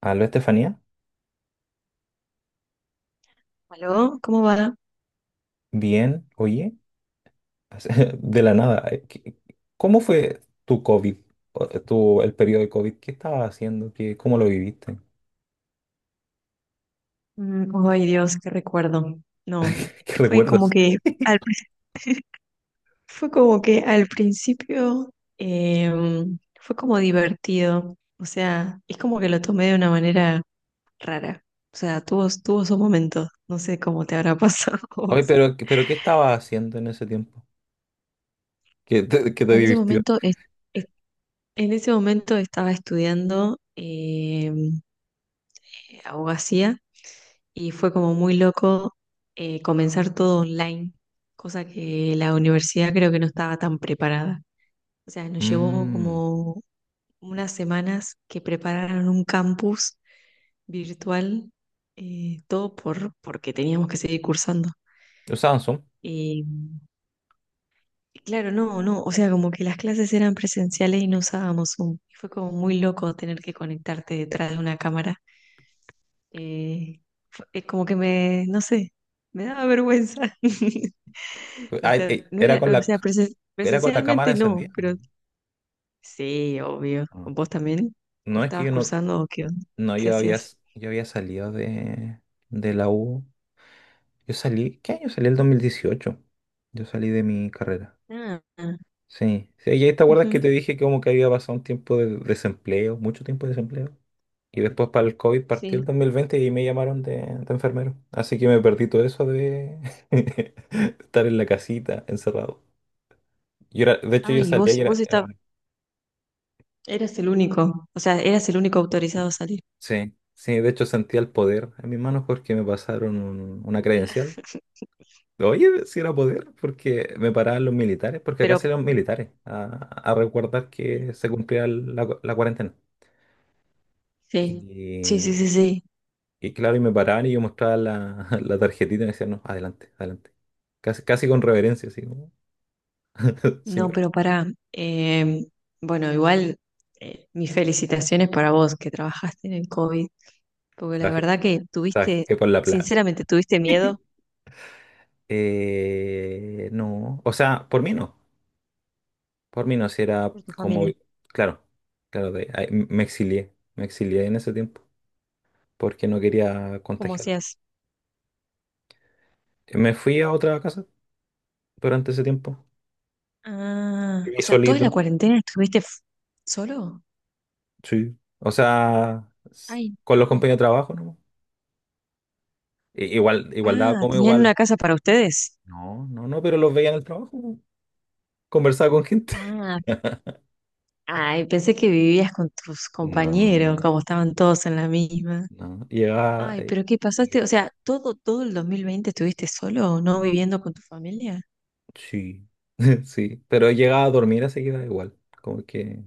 Aló, Estefanía. ¿Aló? ¿Cómo va? Bien, oye, de la nada. ¿Cómo fue tu COVID? El periodo de COVID, ¿qué estabas haciendo? ¿Qué, cómo lo viviste? Mm, ay, Dios, qué recuerdo. No, ¿Qué fue como recuerdas? que al, pri- fue como que al principio fue como divertido. O sea, es como que lo tomé de una manera rara. O sea, tuvo su momento. No sé cómo te habrá pasado a Oye, vos. pero ¿qué estabas haciendo en ese tiempo? ¿Qué te En ese divirtió? momento, es- es- en ese momento estaba estudiando abogacía y fue como muy loco comenzar todo online, cosa que la universidad creo que no estaba tan preparada. O sea, nos llevó Mm, como unas semanas que prepararon un campus virtual, todo porque teníamos que seguir cursando. usaban Zoom. Y claro, no, no, o sea, como que las clases eran presenciales y no usábamos Zoom. Y fue como muy loco tener que conectarte detrás de una cámara. Eh, como que me, no sé, me daba vergüenza. Pues, O sea, no Era con era, o la, sea, era con la cámara presencialmente no, encendida. pero sí, obvio. Ah. ¿Vos también? No, es que ¿Estabas yo no, cursando o qué onda? no, ¿Qué yo había, hacías? Yo había salido de la U. Yo salí, ¿qué año salí? El 2018. Yo salí de mi carrera. Ah, Sí, sí, y ahí te acuerdas que te ujú, dije que como que había pasado un tiempo de desempleo, mucho tiempo de desempleo. Y después para el COVID partió el sí. 2020 y ahí me llamaron de enfermero. Así que me perdí todo eso de estar en la casita, encerrado. Yo era, de hecho Ah, yo y salía vos, y era, vos era- estabas, eras el único, o sea, eras el único autorizado a salir. Sí, sí, de hecho sentía el poder en mis manos porque me pasaron una Nah. credencial. Oye, si era poder, porque me paraban los militares, porque acá Pero salían militares a recordar que se cumplía la cuarentena. sí, sí, sí, Y sí, sí. Y claro, y me paraban y yo mostraba la, la tarjetita y me decían, no, adelante, adelante. Casi, casi con reverencia, así como, No, señor. pero pará. em, bueno, igual mis felicitaciones para vos que trabajaste en el COVID, porque la Trabajé, verdad que tuviste, trabajé por la plata. sinceramente, tuviste miedo no, o sea, por mí no, si era por tu como, familia. claro, claro, ahí me exilié en ese tiempo porque no quería Como contagiar. si es. Me fui a otra casa durante ese tiempo, Ah, viví o sea, ¿toda la solito, cuarentena estuviste solo? sí, o sea, Ay, con los no. compañeros de trabajo, ¿no? Igual, daba Ah, como ¿tenían igual, una casa para ustedes? no, no, no, pero los veía en el trabajo, po. Conversaba con gente. Ah, ay, pensé que vivías con tus No, compañeros, como estaban todos en la misma. no, llegaba... Ay, pero ¿qué pasaste? O sea, ¿todo el 2020 estuviste solo, no viviendo con tu familia? Sí, sí, pero llegaba a dormir así que da igual. Como que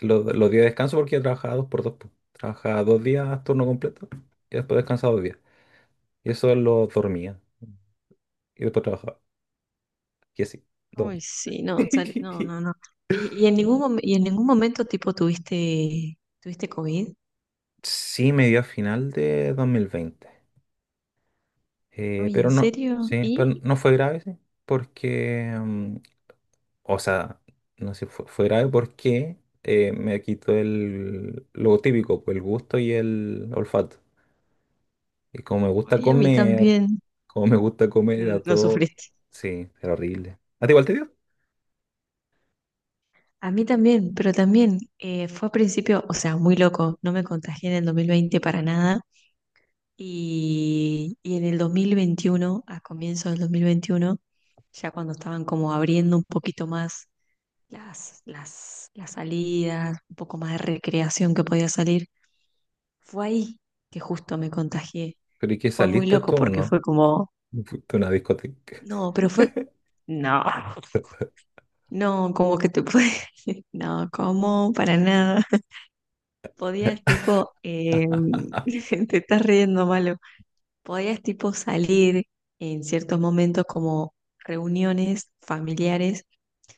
los días de descanso porque yo trabajaba dos por dos, po. Trabajaba 2 días turno completo y después descansaba 2 días. Y eso lo dormía y después trabajaba. Y así, Uy, dos. sí, no, no, no, no. ¿Y en ningún momento tipo tuviste COVID? Sí, me dio a final de 2020. Uy, Pero ¿en no, serio? sí, pero ¿Y? no fue grave, sí, porque o sea, no sé, fue grave porque me quitó el, lo típico, pues el gusto y el olfato. Y como me gusta Ay, a mí comer, también como me gusta comer, era lo todo. sufrí. Sí, era horrible. ¿A ti igual te dio? A mí también, pero también fue a principio, o sea, muy loco, no me contagié en el 2020 para nada y en el 2021, a comienzos del 2021, ya cuando estaban como abriendo un poquito más las salidas, un poco más de recreación que podía salir, fue ahí que justo me contagié. ¿Pero y qué Fue muy saliste loco tú o porque no? fue como, Fuiste a una discoteca. no, pero fue, no, no, como que te puede, no, como, para nada. Podías tipo, te estás riendo, malo. Podías tipo salir en ciertos momentos como reuniones familiares,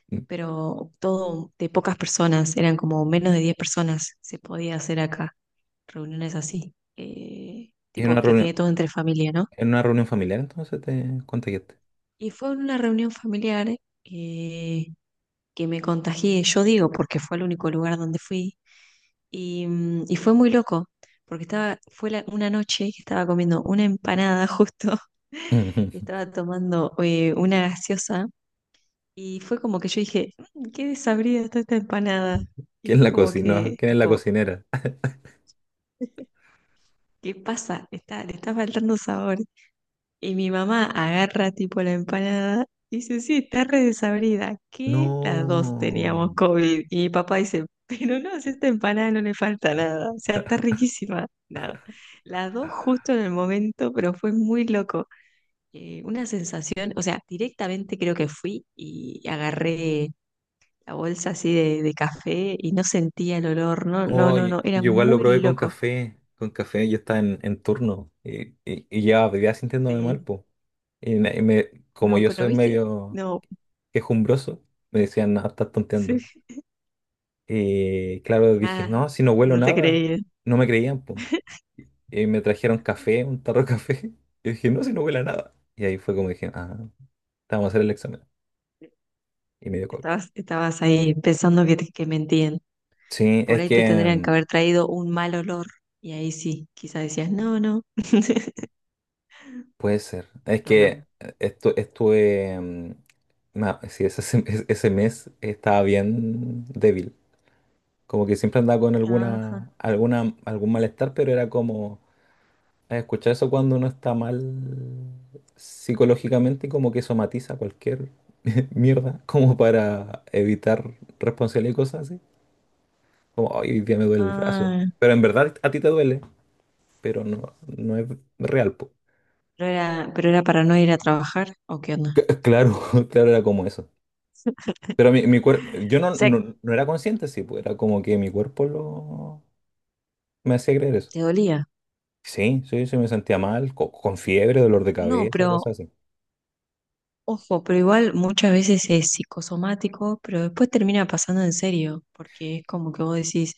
pero todo de pocas personas, eran como menos de 10 personas se podía hacer acá, reuniones así, ¿En una tipo que quede reunión, todo entre familia, ¿no? en una reunión familiar entonces te contagiaste? Y fue una reunión familiar eh, que me contagié, yo digo, porque fue el único lugar donde fui, y fue muy loco, porque estaba, fue una noche que estaba comiendo una empanada justo, y estaba tomando una gaseosa, y fue como que yo dije, "Mm, qué desabrida está esta empanada, y ¿Quién fue la como cocinó? que, ¿Quién es la tipo, cocinera? ¿qué pasa? Está, le está faltando sabor. Y mi mamá agarra tipo la empanada, y dice, sí, está re desabrida, que las dos No. teníamos COVID. Y mi papá dice, pero no, si a esta empanada no le falta nada, o sea, está riquísima. Nada. Las dos justo en el momento, pero fue muy loco. Una sensación, o sea, directamente creo que fui y agarré la bolsa así de café y no sentía el olor, no, no, Oh, no, no, era yo igual lo probé muy con loco. café. Con café yo estaba en turno y llevaba días sintiéndome Sí, mal, po. Y me, como no, yo pero soy viste, medio no, quejumbroso, me decían, no, estás tonteando. sí, Y claro, dije, ah, no, si no huelo no te nada. creí. No me creían, po. Y me trajeron café, un tarro de café. Y dije, no, si no huele a nada. Y ahí fue como dije, ah, te vamos a hacer el examen. ¿Eh? Y me dio COVID. Estabas ahí pensando que, que mentían. Sí, Por es ahí que te tendrían que mm, haber traído un mal olor. Y ahí sí, quizás decías, no, no. Puede ser. Es No, que no. Estuve. Sí, ese mes estaba bien débil. Como que siempre andaba con Ajá. algún malestar, pero era como. Escuchar eso cuando uno está mal psicológicamente, como que somatiza cualquier mierda, como para evitar responsabilidad y cosas así. Como, "Ay, hoy día me duele el brazo." Ah. Pero en verdad a ti te duele, pero no es real, po. Pero era para no ir a trabajar, ¿o qué onda? Claro, claro, era como eso. Pero mi cuerpo, yo O no, sea, no, no era consciente, sí, pues era como que mi cuerpo lo me hacía creer eso. te dolía. Sí, sí, sí, me sentía mal, con, fiebre, dolor de No, cabeza, pero cosas así. ojo, pero igual muchas veces es psicosomático, pero después termina pasando en serio, porque es como que vos decís,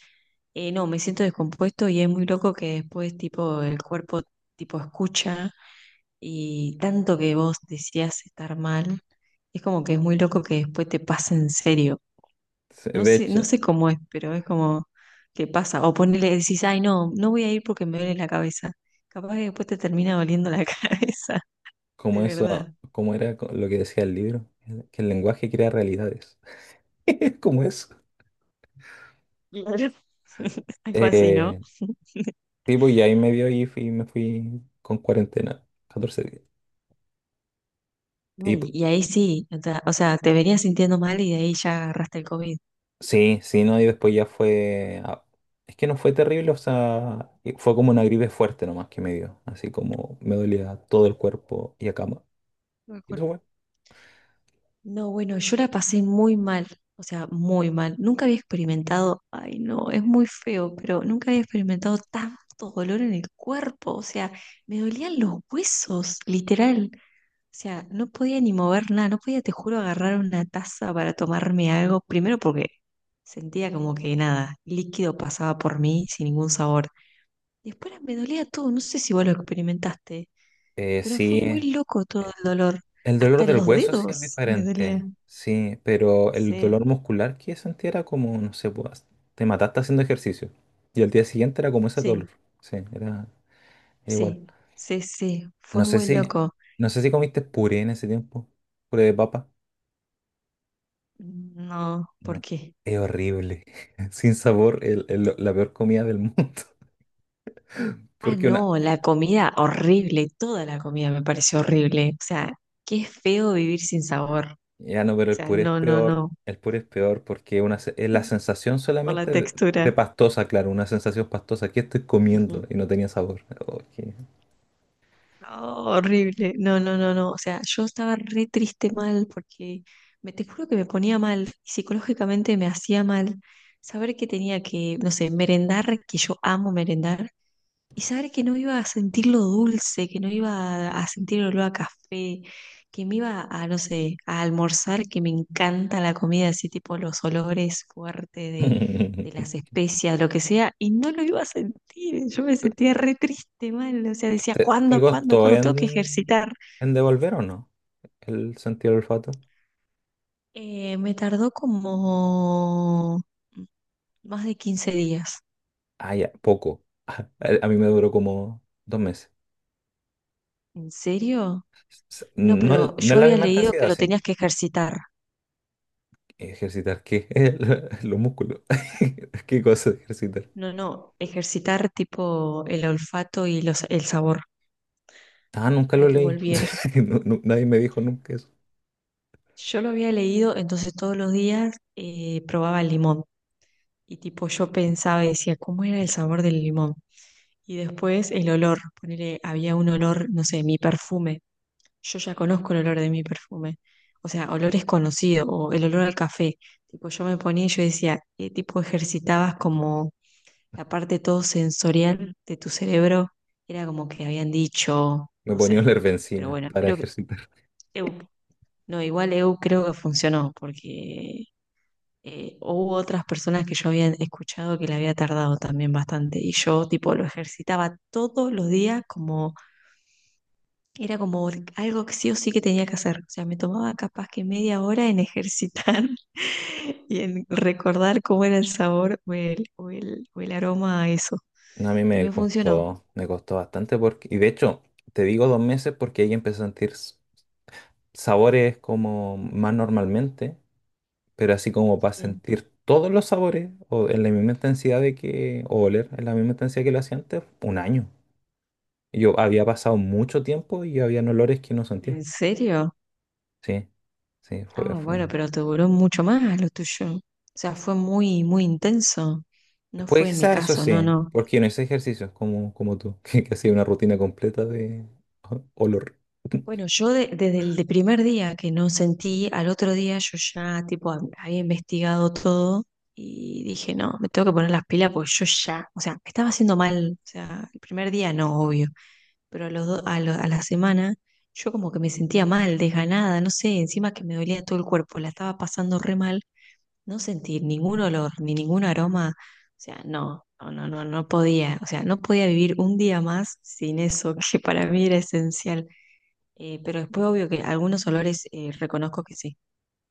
no, me siento descompuesto y es muy loco que después tipo el cuerpo tipo escucha. Y tanto que vos decías estar mal, es como que es muy loco que después te pase en serio. Sí, No de sé, no hecho, sé cómo es, pero es como que pasa. O ponele, decís, ay, no, no voy a ir porque me duele la cabeza. Capaz que después te termina doliendo la cabeza, como de eso, verdad. como era lo que decía el libro, que el lenguaje crea realidades. Como eso. Claro. Algo así, ¿no? Eh, sí, pues, y ahí me dio y me fui con cuarentena, 14 días. Y Ay, y ahí sí, o sea, te venías sintiendo mal y de ahí ya agarraste el COVID. sí, sí, no, y después ya fue... Es que no fue terrible, o sea, y fue como una gripe fuerte nomás que me dio, así como me dolía todo el cuerpo y a cama. ¿Y tú, güey? No, bueno, yo la pasé muy mal, o sea, muy mal. Nunca había experimentado, ay no, es muy feo, pero nunca había experimentado tanto dolor en el cuerpo, o sea, me dolían los huesos, literal. O sea, no podía ni mover nada, no podía, te juro, agarrar una taza para tomarme algo, primero porque sentía como que nada, líquido pasaba por mí sin ningún sabor. Después me dolía todo, no sé si vos lo experimentaste, pero fue muy Sí, loco todo el dolor, el dolor hasta en del los hueso sí es dedos me dolía. diferente, sí, pero el Sí. dolor muscular que sentí era como, no sé, pues, te mataste haciendo ejercicio. Y al día siguiente era como ese dolor, Sí, sí, era, era igual. sí, sí, sí, No fue sé muy si, loco. no sé si comiste puré en ese tiempo, puré de papa. No, ¿por No, qué? es horrible. Sin sabor, la peor comida del mundo. Ah, Porque una... no, la comida horrible, toda la comida me pareció horrible. O sea, qué feo vivir sin sabor. O Ya no, pero el sea, puré es no, no, peor. no, El puré es peor porque una, es la sensación por la solamente de textura. pastosa, claro, una sensación pastosa. Aquí estoy comiendo Ujú. y no tenía sabor. Oh, No, horrible, no, no, no, no. O sea, yo estaba re triste mal porque me te juro que me ponía mal, psicológicamente me hacía mal saber que tenía que, no sé, merendar, que yo amo merendar. Y saber que no iba a sentir lo dulce, que no iba a sentir el olor a café, que me iba a, no sé, a almorzar, que me encanta la comida, así tipo los olores fuertes de las especias, lo que sea, y no lo iba a sentir. Yo me sentía re triste, mal. O sea, decía, ¿Te ¿cuándo, cuándo, costó cuándo tengo que en, ejercitar? en devolver o no el sentido del olfato? Me tardó como más de 15 días. Ah, ya, poco. A mí me duró como 2 meses. ¿En serio? No, No, pero no yo es la había misma leído que intensidad, lo sí. tenías que ejercitar. ¿Ejercitar qué? Los músculos. ¿Qué cosa de ejercitar? No, no, ejercitar tipo el olfato y el sabor Ah, nunca para lo que leí. volviera. Nadie me dijo nunca eso. Yo lo había leído, entonces todos los días probaba el limón y tipo yo pensaba y decía, ¿cómo era el sabor del limón? Y después el olor, ponele, había un olor, no sé, mi perfume. Yo ya conozco el olor de mi perfume. O sea, olores conocidos o el olor al café. Tipo, yo me ponía y yo decía, tipo ejercitabas como la parte todo sensorial de tu cerebro era como que habían dicho, Me no ponía a sé, oler pero benzina bueno, para creo que ejercitar. Eu, no, igual Eu creo que funcionó, porque hubo otras personas que yo había escuchado que le había tardado también bastante, y yo tipo lo ejercitaba todos los días como, era como algo que sí o sí que tenía que hacer, o sea, me tomaba capaz que media hora en ejercitar y en recordar cómo era el sabor o el, aroma a eso. No, a mí Y me funcionó. Me costó bastante porque... Y de hecho, te digo 2 meses porque ahí empecé a sentir sabores como más normalmente, pero así como para Sí. sentir todos los sabores o en la misma intensidad de que... o oler en la misma intensidad que lo hacía antes, un año. Yo había pasado mucho tiempo y había olores que no sentía. ¿En serio? Sí, sí, fue, Ah, fue. bueno, pero te duró mucho más lo tuyo. O sea, fue muy, muy intenso. No Pues fue en mi quizás eso caso, sí, no, ¿eh? no. Porque yo no hice ejercicios como tú, que hacía una rutina completa de olor. Bueno, yo desde el de primer día que no sentí, al otro día yo ya tipo había investigado todo y dije, no, me tengo que poner las pilas porque yo ya, o sea, me estaba haciendo mal, o sea, el primer día no, obvio, pero a, los do- a, lo- a la semana yo como que me sentía mal, desganada, no sé, encima que me dolía todo el cuerpo, la estaba pasando re mal no sentir ningún olor ni ningún aroma, o sea, no, no, no, no, no podía, o sea, no podía vivir un día más sin eso, que para mí era esencial. Pero después, obvio que algunos olores reconozco que sí,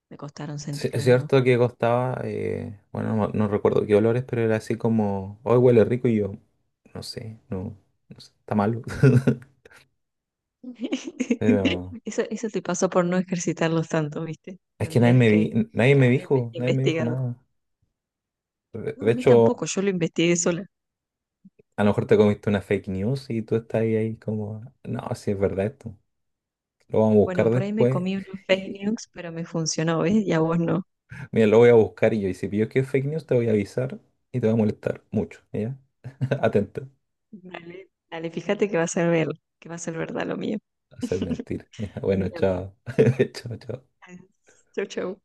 me costaron Sí, es sentirlo de nuevo. cierto que costaba, bueno, no, no recuerdo qué olores, pero era así como, hoy huele rico y yo, no sé, no, no sé, está malo. Pero Eso te pasó por no ejercitarlos tanto, ¿viste? es que Tendrías que, nadie que me haber dijo, nadie me dijo investigado. nada. De, No, de a mí hecho, tampoco, yo lo investigué sola. a lo mejor te comiste una fake news y tú estás ahí como, no, si es verdad esto, lo vamos a buscar Bueno, por ahí me después. comí unos fake news, pero me funcionó, ¿ves? Y a vos no. Mira, lo voy a buscar y yo, y si pillo que es fake news, te voy a avisar y te va a molestar mucho, ¿ya? Atento, Dale, dale, fíjate que va a ser verdad lo mío. hacer mentir. Ya, bueno, Envíame. chao. Chao, chao. Chau, chau.